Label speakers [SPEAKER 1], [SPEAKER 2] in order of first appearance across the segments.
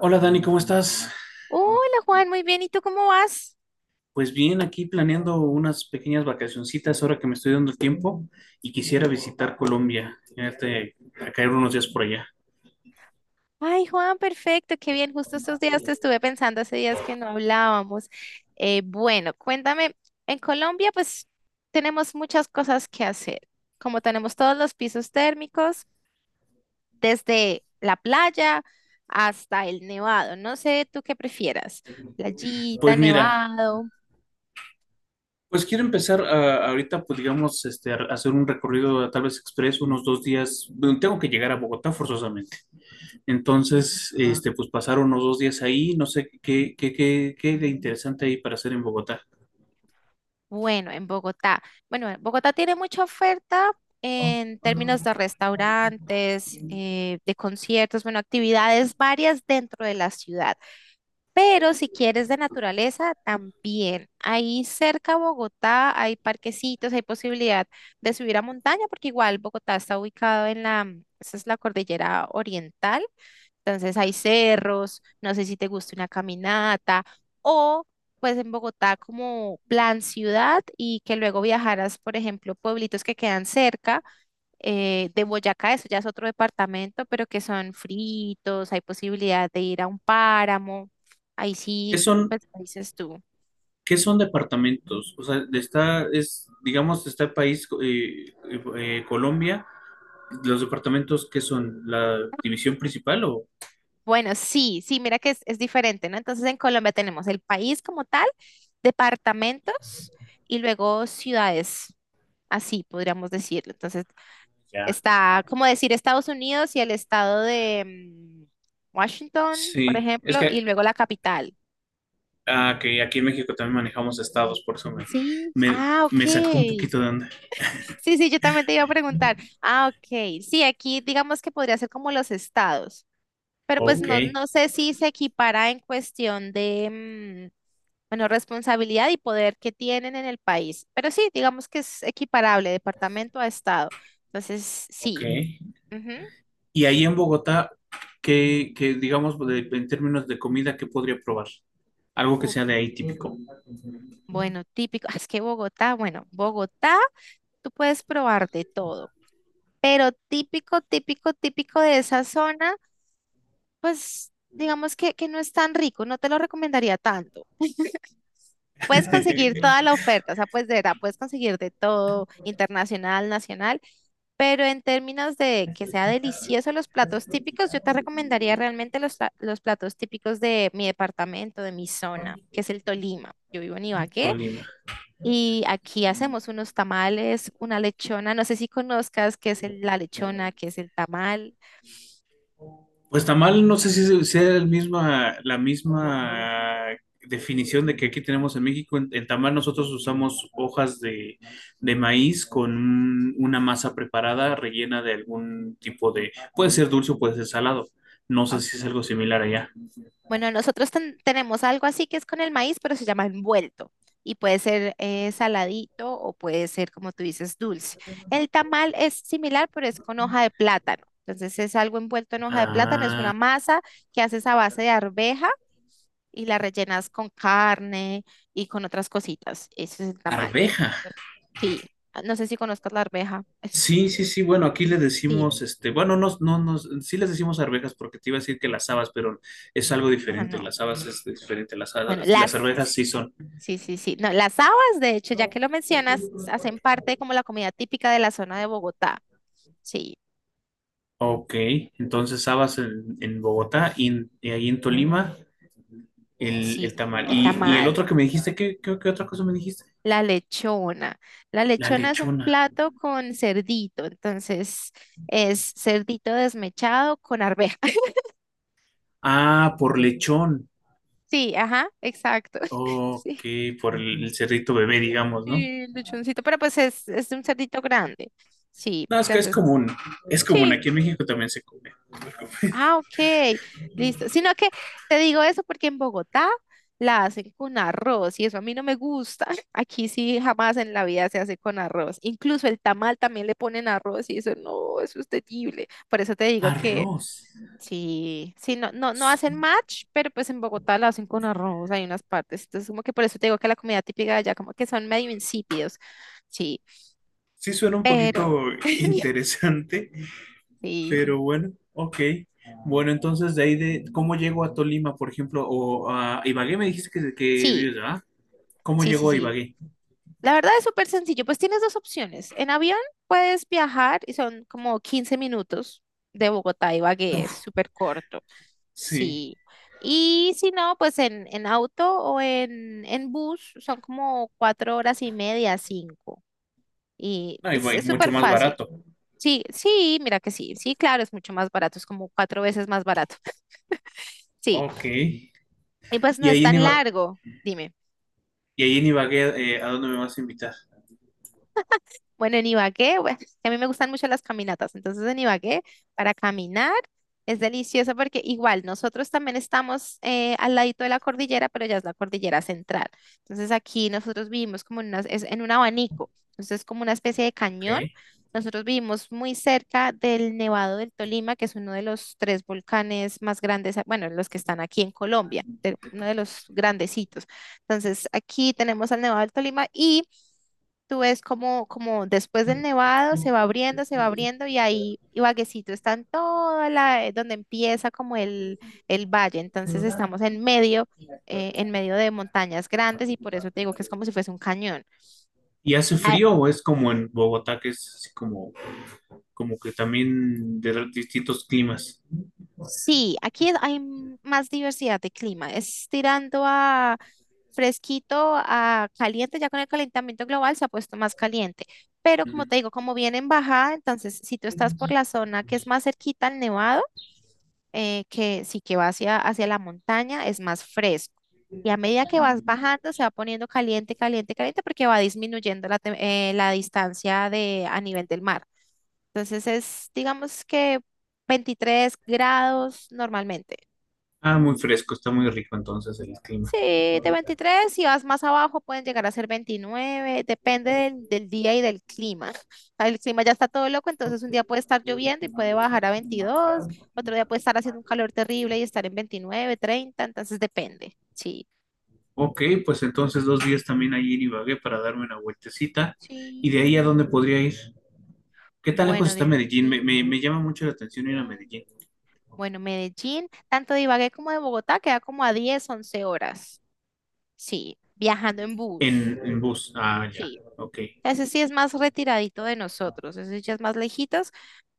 [SPEAKER 1] Hola Dani, ¿cómo estás?
[SPEAKER 2] Hola Juan, muy bien. ¿Y tú cómo vas?
[SPEAKER 1] Pues bien, aquí planeando unas pequeñas vacacioncitas ahora que me estoy dando el tiempo y quisiera visitar Colombia, este, a caer unos días por allá.
[SPEAKER 2] Ay Juan, perfecto, qué bien. Justo estos días te estuve pensando, hace días que no hablábamos. Bueno, cuéntame, en Colombia pues tenemos muchas cosas que hacer, como tenemos todos los pisos térmicos, desde la playa hasta el nevado. No sé tú qué prefieras,
[SPEAKER 1] Pues
[SPEAKER 2] playita,
[SPEAKER 1] mira,
[SPEAKER 2] nevado.
[SPEAKER 1] pues quiero empezar ahorita, pues digamos, este, a hacer un recorrido tal vez expreso, unos dos días. Bueno, tengo que llegar a Bogotá forzosamente. Entonces, este, pues pasar unos dos días ahí, no sé qué de interesante hay para hacer en Bogotá.
[SPEAKER 2] Bueno, en Bogotá. Bueno, en Bogotá tiene mucha oferta en términos de restaurantes, de conciertos, bueno, actividades varias dentro de la ciudad. Pero si quieres de naturaleza, también. Ahí cerca a Bogotá hay parquecitos, hay posibilidad de subir a montaña, porque igual Bogotá está ubicado esa es la cordillera oriental. Entonces hay cerros, no sé si te gusta una caminata o pues en Bogotá como plan ciudad y que luego viajaras, por ejemplo, pueblitos que quedan cerca de Boyacá, eso ya es otro departamento, pero que son fritos, hay posibilidad de ir a un páramo, ahí
[SPEAKER 1] ¿Qué
[SPEAKER 2] sí,
[SPEAKER 1] son
[SPEAKER 2] pues ¿qué dices tú?
[SPEAKER 1] ¿Qué son departamentos? O sea, está, es, digamos, está el país, Colombia, los departamentos, ¿qué son? ¿La división principal o...?
[SPEAKER 2] Bueno, sí, sí, mira que es diferente, ¿no? Entonces en Colombia tenemos el país como tal, departamentos y luego ciudades, así podríamos decirlo. Entonces
[SPEAKER 1] Ya.
[SPEAKER 2] está como decir Estados Unidos y el estado de Washington, por
[SPEAKER 1] Sí, es
[SPEAKER 2] ejemplo,
[SPEAKER 1] que,
[SPEAKER 2] y luego la capital.
[SPEAKER 1] ah, que aquí en México también manejamos estados, por eso
[SPEAKER 2] Sí,
[SPEAKER 1] me,
[SPEAKER 2] ah,
[SPEAKER 1] me sacó un
[SPEAKER 2] ok.
[SPEAKER 1] poquito de onda.
[SPEAKER 2] Sí, sí, yo también te iba a preguntar. Ah, ok. Sí, aquí digamos que podría ser como los estados, pero pues
[SPEAKER 1] Ok,
[SPEAKER 2] no, no sé si se equipara en cuestión de, bueno, responsabilidad y poder que tienen en el país, pero sí, digamos que es equiparable departamento a estado. Entonces,
[SPEAKER 1] ok.
[SPEAKER 2] sí. Ujú.
[SPEAKER 1] Y ahí en Bogotá, digamos, en términos de comida, ¿qué podría probar? Algo que sea de ahí típico.
[SPEAKER 2] Bueno, típico, es que Bogotá, bueno, Bogotá, tú puedes probar de todo, pero típico, típico, típico de esa zona, pues digamos que no es tan rico, no te lo recomendaría tanto. Puedes conseguir toda la oferta, o sea, pues de verdad, puedes conseguir de todo, internacional, nacional, pero en términos de que sea delicioso los platos típicos, yo te recomendaría realmente los platos típicos de mi departamento, de mi zona, que es el Tolima. Yo vivo en Ibagué.
[SPEAKER 1] Tolima.
[SPEAKER 2] Y aquí hacemos unos tamales, una lechona, no sé si conozcas qué es la lechona, qué es el tamal.
[SPEAKER 1] Pues tamal, no sé si sea la misma definición de que aquí tenemos en México. En tamal nosotros usamos de maíz con una masa preparada rellena de algún tipo de, puede ser dulce o puede ser salado. No sé si es
[SPEAKER 2] Ok.
[SPEAKER 1] algo similar allá.
[SPEAKER 2] Bueno, nosotros tenemos algo así que es con el maíz, pero se llama envuelto. Y puede ser saladito o puede ser, como tú dices, dulce. El tamal es similar, pero es con hoja de plátano. Entonces es algo envuelto en hoja de plátano, es
[SPEAKER 1] Ah,
[SPEAKER 2] una masa que haces a base de arveja y la rellenas con carne y con otras cositas. Ese es el tamal.
[SPEAKER 1] arveja.
[SPEAKER 2] Sí, no sé si conozcas la arveja.
[SPEAKER 1] Sí, sí, sí. Bueno, aquí le
[SPEAKER 2] Pi- Sí,
[SPEAKER 1] decimos, este, bueno, no, no, no, sí les decimos arvejas porque te iba a decir que las habas, pero es algo diferente.
[SPEAKER 2] no.
[SPEAKER 1] Las habas es diferente.
[SPEAKER 2] Bueno,
[SPEAKER 1] Las arvejas sí son.
[SPEAKER 2] sí, sí, sí. No, las habas, de hecho, ya que lo mencionas, hacen parte como la comida típica de la zona de Bogotá. Sí,
[SPEAKER 1] Ok, entonces habas en Bogotá y, y ahí en Tolima el
[SPEAKER 2] sí,
[SPEAKER 1] tamal.
[SPEAKER 2] el
[SPEAKER 1] Y el otro
[SPEAKER 2] tamal,
[SPEAKER 1] que me dijiste, ¿qué otra cosa me dijiste?
[SPEAKER 2] la lechona. La
[SPEAKER 1] La
[SPEAKER 2] lechona es un
[SPEAKER 1] lechona.
[SPEAKER 2] plato con cerdito, entonces es cerdito desmechado con arveja.
[SPEAKER 1] Ah, por lechón.
[SPEAKER 2] Sí, ajá, exacto.
[SPEAKER 1] Ok,
[SPEAKER 2] Sí,
[SPEAKER 1] por el cerrito bebé, digamos, ¿no?
[SPEAKER 2] y lechoncito, pero pues es un cerdito grande. Sí,
[SPEAKER 1] No, es que
[SPEAKER 2] entonces,
[SPEAKER 1] es común,
[SPEAKER 2] sí,
[SPEAKER 1] aquí en México también se come.
[SPEAKER 2] ah, ok, listo. Sino que te digo eso porque en Bogotá la hacen con arroz y eso a mí no me gusta. Aquí sí jamás en la vida se hace con arroz. Incluso el tamal también le ponen arroz y eso no, eso es terrible. Por eso te digo que
[SPEAKER 1] Arroz.
[SPEAKER 2] sí, sí, no, no, no
[SPEAKER 1] S-
[SPEAKER 2] hacen match, pero pues en Bogotá la hacen con arroz, hay unas partes. Entonces como que por eso te digo que la comida típica de allá como que son medio insípidos. Sí,
[SPEAKER 1] Sí suena un
[SPEAKER 2] pero
[SPEAKER 1] poquito interesante,
[SPEAKER 2] sí,
[SPEAKER 1] pero bueno, ok. Bueno, entonces ¿cómo llego a Tolima, por ejemplo? O a Ibagué me dijiste que
[SPEAKER 2] sí,
[SPEAKER 1] vives, ¿verdad? ¿Cómo
[SPEAKER 2] sí, sí,
[SPEAKER 1] llegó a
[SPEAKER 2] sí.
[SPEAKER 1] Ibagué?
[SPEAKER 2] La verdad es súper sencillo, pues tienes dos opciones. En avión puedes viajar y son como 15 minutos de Bogotá a Ibagué, es
[SPEAKER 1] Uf,
[SPEAKER 2] súper corto.
[SPEAKER 1] sí.
[SPEAKER 2] Sí. Y si no, pues en auto o en bus son como 4 horas y media, 5. Y
[SPEAKER 1] No,
[SPEAKER 2] es
[SPEAKER 1] Ibagué,
[SPEAKER 2] es
[SPEAKER 1] mucho
[SPEAKER 2] súper
[SPEAKER 1] más
[SPEAKER 2] fácil.
[SPEAKER 1] barato.
[SPEAKER 2] Sí, sí, mira que sí, sí, claro, es mucho más barato, es como 4 veces más barato. Sí,
[SPEAKER 1] Ok.
[SPEAKER 2] y pues
[SPEAKER 1] Y
[SPEAKER 2] no es tan largo, dime.
[SPEAKER 1] Y ahí en Ibagué, ¿a dónde me vas a invitar?
[SPEAKER 2] Bueno, en Ibagué, bueno, es que a mí me gustan mucho las caminatas, entonces en Ibagué para caminar es delicioso porque igual nosotros también estamos al ladito de la cordillera, pero ya es la cordillera central. Entonces aquí nosotros vivimos como es en un abanico, entonces es como una especie de
[SPEAKER 1] Ok.
[SPEAKER 2] cañón. Nosotros vivimos muy cerca del Nevado del Tolima, que es uno de los tres volcanes más grandes, bueno, los que están aquí en Colombia, uno de los grandecitos. Entonces aquí tenemos al Nevado del Tolima. Y... Tú ves como después del nevado se va abriendo y ahí Ibaguecito está en toda donde empieza como el valle. Entonces estamos en medio de montañas grandes y por eso te digo que es como si fuese un cañón.
[SPEAKER 1] ¿Y hace
[SPEAKER 2] Ah,
[SPEAKER 1] frío o es como en Bogotá, que es así como, como que también distintos climas?
[SPEAKER 2] sí, aquí hay más diversidad de clima. Es tirando a fresquito, a caliente, ya con el calentamiento global se ha puesto más caliente. Pero
[SPEAKER 1] Mm.
[SPEAKER 2] como te digo, como viene en bajada, entonces si tú estás por la zona que es más cerquita al nevado, que sí que va hacia la montaña, es más fresco. Y a medida que vas bajando, se va poniendo caliente, caliente, caliente, porque va disminuyendo la distancia a nivel del mar. Entonces digamos que 23 grados normalmente.
[SPEAKER 1] Ah, muy fresco, está muy rico entonces el clima.
[SPEAKER 2] Sí, de 23. Si vas más abajo pueden llegar a ser 29. Depende del día y del clima. El clima ya está todo loco, entonces un día puede estar lloviendo y puede bajar a 22, otro día puede estar haciendo un calor terrible y estar en 29, 30. Entonces depende. Sí.
[SPEAKER 1] Ok, pues entonces dos días también ahí en Ibagué para darme una vueltecita. ¿Y de ahí a
[SPEAKER 2] Sí.
[SPEAKER 1] dónde podría ir? ¿Qué tan lejos
[SPEAKER 2] Bueno,
[SPEAKER 1] está
[SPEAKER 2] de
[SPEAKER 1] Medellín?
[SPEAKER 2] aquí,
[SPEAKER 1] Me llama mucho la atención ir a
[SPEAKER 2] mm,
[SPEAKER 1] Medellín.
[SPEAKER 2] bueno, Medellín, tanto de Ibagué como de Bogotá queda como a 10, 11 horas. Sí, viajando en bus.
[SPEAKER 1] En bus. Ah, ya.
[SPEAKER 2] Sí.
[SPEAKER 1] Ok.
[SPEAKER 2] Ese sí es más retiradito de nosotros, ese ya es más lejitos.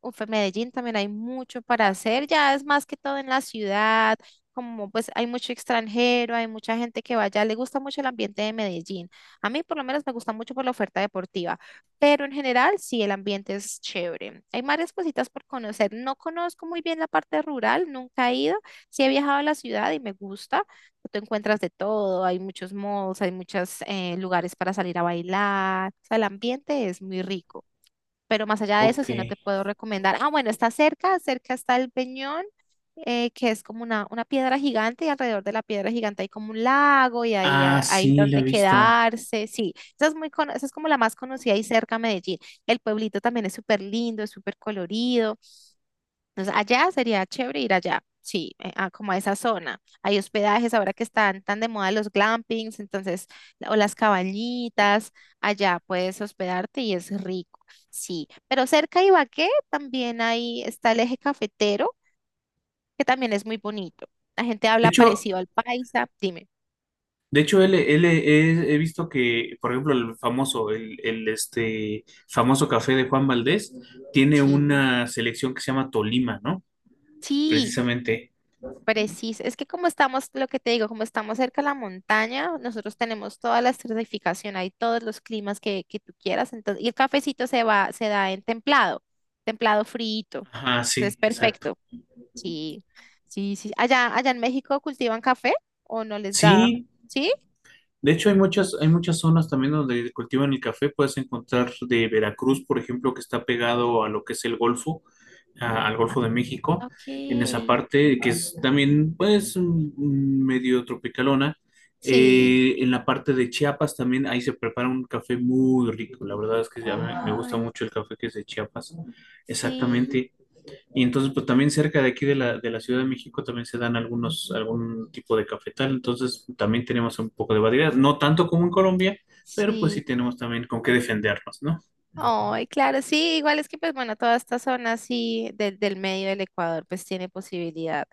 [SPEAKER 2] Uf, en Medellín también hay mucho para hacer, ya es más que todo en la ciudad, como pues hay mucho extranjero, hay mucha gente que vaya, le gusta mucho el ambiente de Medellín. A mí por lo menos me gusta mucho por la oferta deportiva, pero en general sí, el ambiente es chévere. Hay varias cositas por conocer. No conozco muy bien la parte rural, nunca he ido. Sí he viajado a la ciudad y me gusta. Tú encuentras de todo, hay muchos malls, hay muchos lugares para salir a bailar. O sea, el ambiente es muy rico. Pero más allá de eso,
[SPEAKER 1] Ok.
[SPEAKER 2] si no te puedo recomendar. Ah, bueno, está cerca, cerca está el Peñón, que es como una piedra gigante y alrededor de la piedra gigante hay como un lago y ahí
[SPEAKER 1] Ah,
[SPEAKER 2] hay
[SPEAKER 1] sí, la he
[SPEAKER 2] donde
[SPEAKER 1] visto.
[SPEAKER 2] quedarse. Sí, esa es como la más conocida y cerca a Medellín. El pueblito también es súper lindo, es súper colorido. Entonces, allá sería chévere ir allá, sí, como a esa zona. Hay hospedajes ahora que están tan de moda los glampings, entonces, o las cabañitas, allá puedes hospedarte y es rico, sí. Pero cerca de Ibagué también ahí está el eje cafetero, que también es muy bonito. La gente
[SPEAKER 1] De
[SPEAKER 2] habla
[SPEAKER 1] hecho,
[SPEAKER 2] parecido al paisa, dime.
[SPEAKER 1] de hecho, he visto que, por ejemplo, el famoso, este famoso café de Juan Valdés tiene
[SPEAKER 2] Sí,
[SPEAKER 1] una selección que se llama Tolima, ¿no?
[SPEAKER 2] sí,
[SPEAKER 1] Precisamente.
[SPEAKER 2] preciso. Es que como estamos, lo que te digo, como estamos cerca de la montaña, nosotros tenemos toda la estratificación, hay todos los climas que tú quieras. Entonces, y el cafecito se da en templado, templado frito.
[SPEAKER 1] Ajá,
[SPEAKER 2] Entonces
[SPEAKER 1] sí,
[SPEAKER 2] es
[SPEAKER 1] exacto.
[SPEAKER 2] perfecto. Sí, sí, sí. Allá, allá en México cultivan café o no les da,
[SPEAKER 1] Sí,
[SPEAKER 2] ¿sí?
[SPEAKER 1] de hecho hay muchas zonas también donde cultivan el café. Puedes encontrar de Veracruz, por ejemplo, que está pegado a lo que es el Golfo. A- al
[SPEAKER 2] Ah,
[SPEAKER 1] Golfo de México,
[SPEAKER 2] ok.
[SPEAKER 1] en esa parte que es también pues mm, medio tropicalona.
[SPEAKER 2] Sí,
[SPEAKER 1] En la parte de Chiapas también, ahí se prepara un café muy rico. La verdad es que a mí me gusta
[SPEAKER 2] ay,
[SPEAKER 1] mucho el café que es de Chiapas.
[SPEAKER 2] sí,
[SPEAKER 1] Exactamente. Y entonces, pues también cerca de aquí de la Ciudad de México también se dan algunos, algún tipo de cafetal. Entonces, también tenemos un poco de variedad. No tanto como en Colombia, pero pues
[SPEAKER 2] sí.
[SPEAKER 1] sí tenemos también con qué defendernos, ¿no?
[SPEAKER 2] Ay, claro, sí, igual es que pues bueno, toda esta zona así del medio del Ecuador pues tiene posibilidad.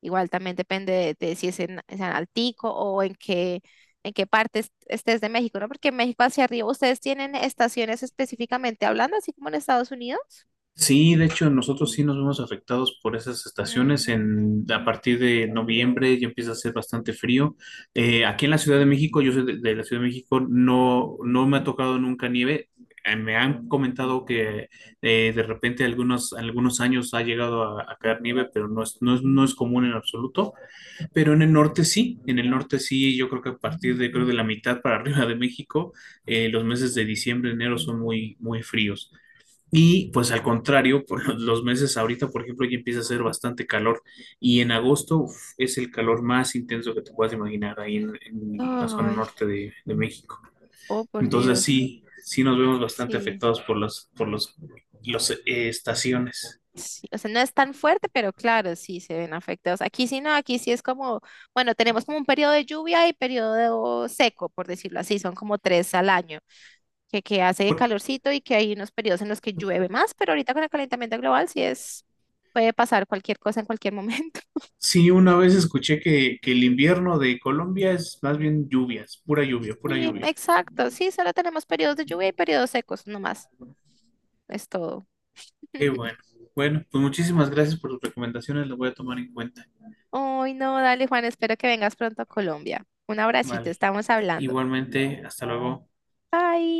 [SPEAKER 2] Igual también depende de si es en Altico o en qué parte estés de México, ¿no? Porque en México hacia arriba, ¿ustedes tienen estaciones específicamente hablando, así como en Estados Unidos?
[SPEAKER 1] Sí, de hecho, nosotros sí nos vemos afectados por esas estaciones.
[SPEAKER 2] Mm,
[SPEAKER 1] En, a partir de noviembre ya empieza a hacer bastante frío. Aquí en la Ciudad de México, yo soy de la Ciudad de México, no, no me ha tocado nunca nieve. Me han comentado que de repente algunos, algunos años ha llegado a caer nieve, pero no es común en absoluto. Pero en el norte sí, en el norte sí, yo creo que a partir de, creo de la mitad para arriba de México, los meses de diciembre, enero son muy, muy fríos. Y pues al contrario, por los meses ahorita, por ejemplo, ya empieza a hacer bastante calor y en agosto uf, es el calor más intenso que te puedas imaginar ahí en la zona
[SPEAKER 2] ay,
[SPEAKER 1] norte de México.
[SPEAKER 2] oh por
[SPEAKER 1] Entonces
[SPEAKER 2] Dios.
[SPEAKER 1] sí, sí nos vemos bastante
[SPEAKER 2] Sí,
[SPEAKER 1] afectados por las por estaciones.
[SPEAKER 2] sí, o sea, no es tan fuerte, pero claro, sí se ven afectados. Aquí sí no, aquí sí es como, bueno, tenemos como un periodo de lluvia y periodo seco, por decirlo así, son como 3 al año, que hace
[SPEAKER 1] Por-
[SPEAKER 2] calorcito y que hay unos periodos en los que llueve más, pero ahorita con el calentamiento global sí puede pasar cualquier cosa en cualquier momento.
[SPEAKER 1] sí, una vez escuché que el invierno de Colombia es más bien lluvias, pura lluvia, pura
[SPEAKER 2] Sí,
[SPEAKER 1] lluvia.
[SPEAKER 2] exacto, sí, solo tenemos periodos de lluvia y periodos secos, no más es todo.
[SPEAKER 1] Qué bueno. Bueno, pues muchísimas gracias por tus recomendaciones, las voy a tomar en cuenta.
[SPEAKER 2] Ay, no, dale Juan, espero que vengas pronto a Colombia. Un abracito,
[SPEAKER 1] Vale.
[SPEAKER 2] estamos hablando.
[SPEAKER 1] Igualmente, hasta luego.
[SPEAKER 2] Bye.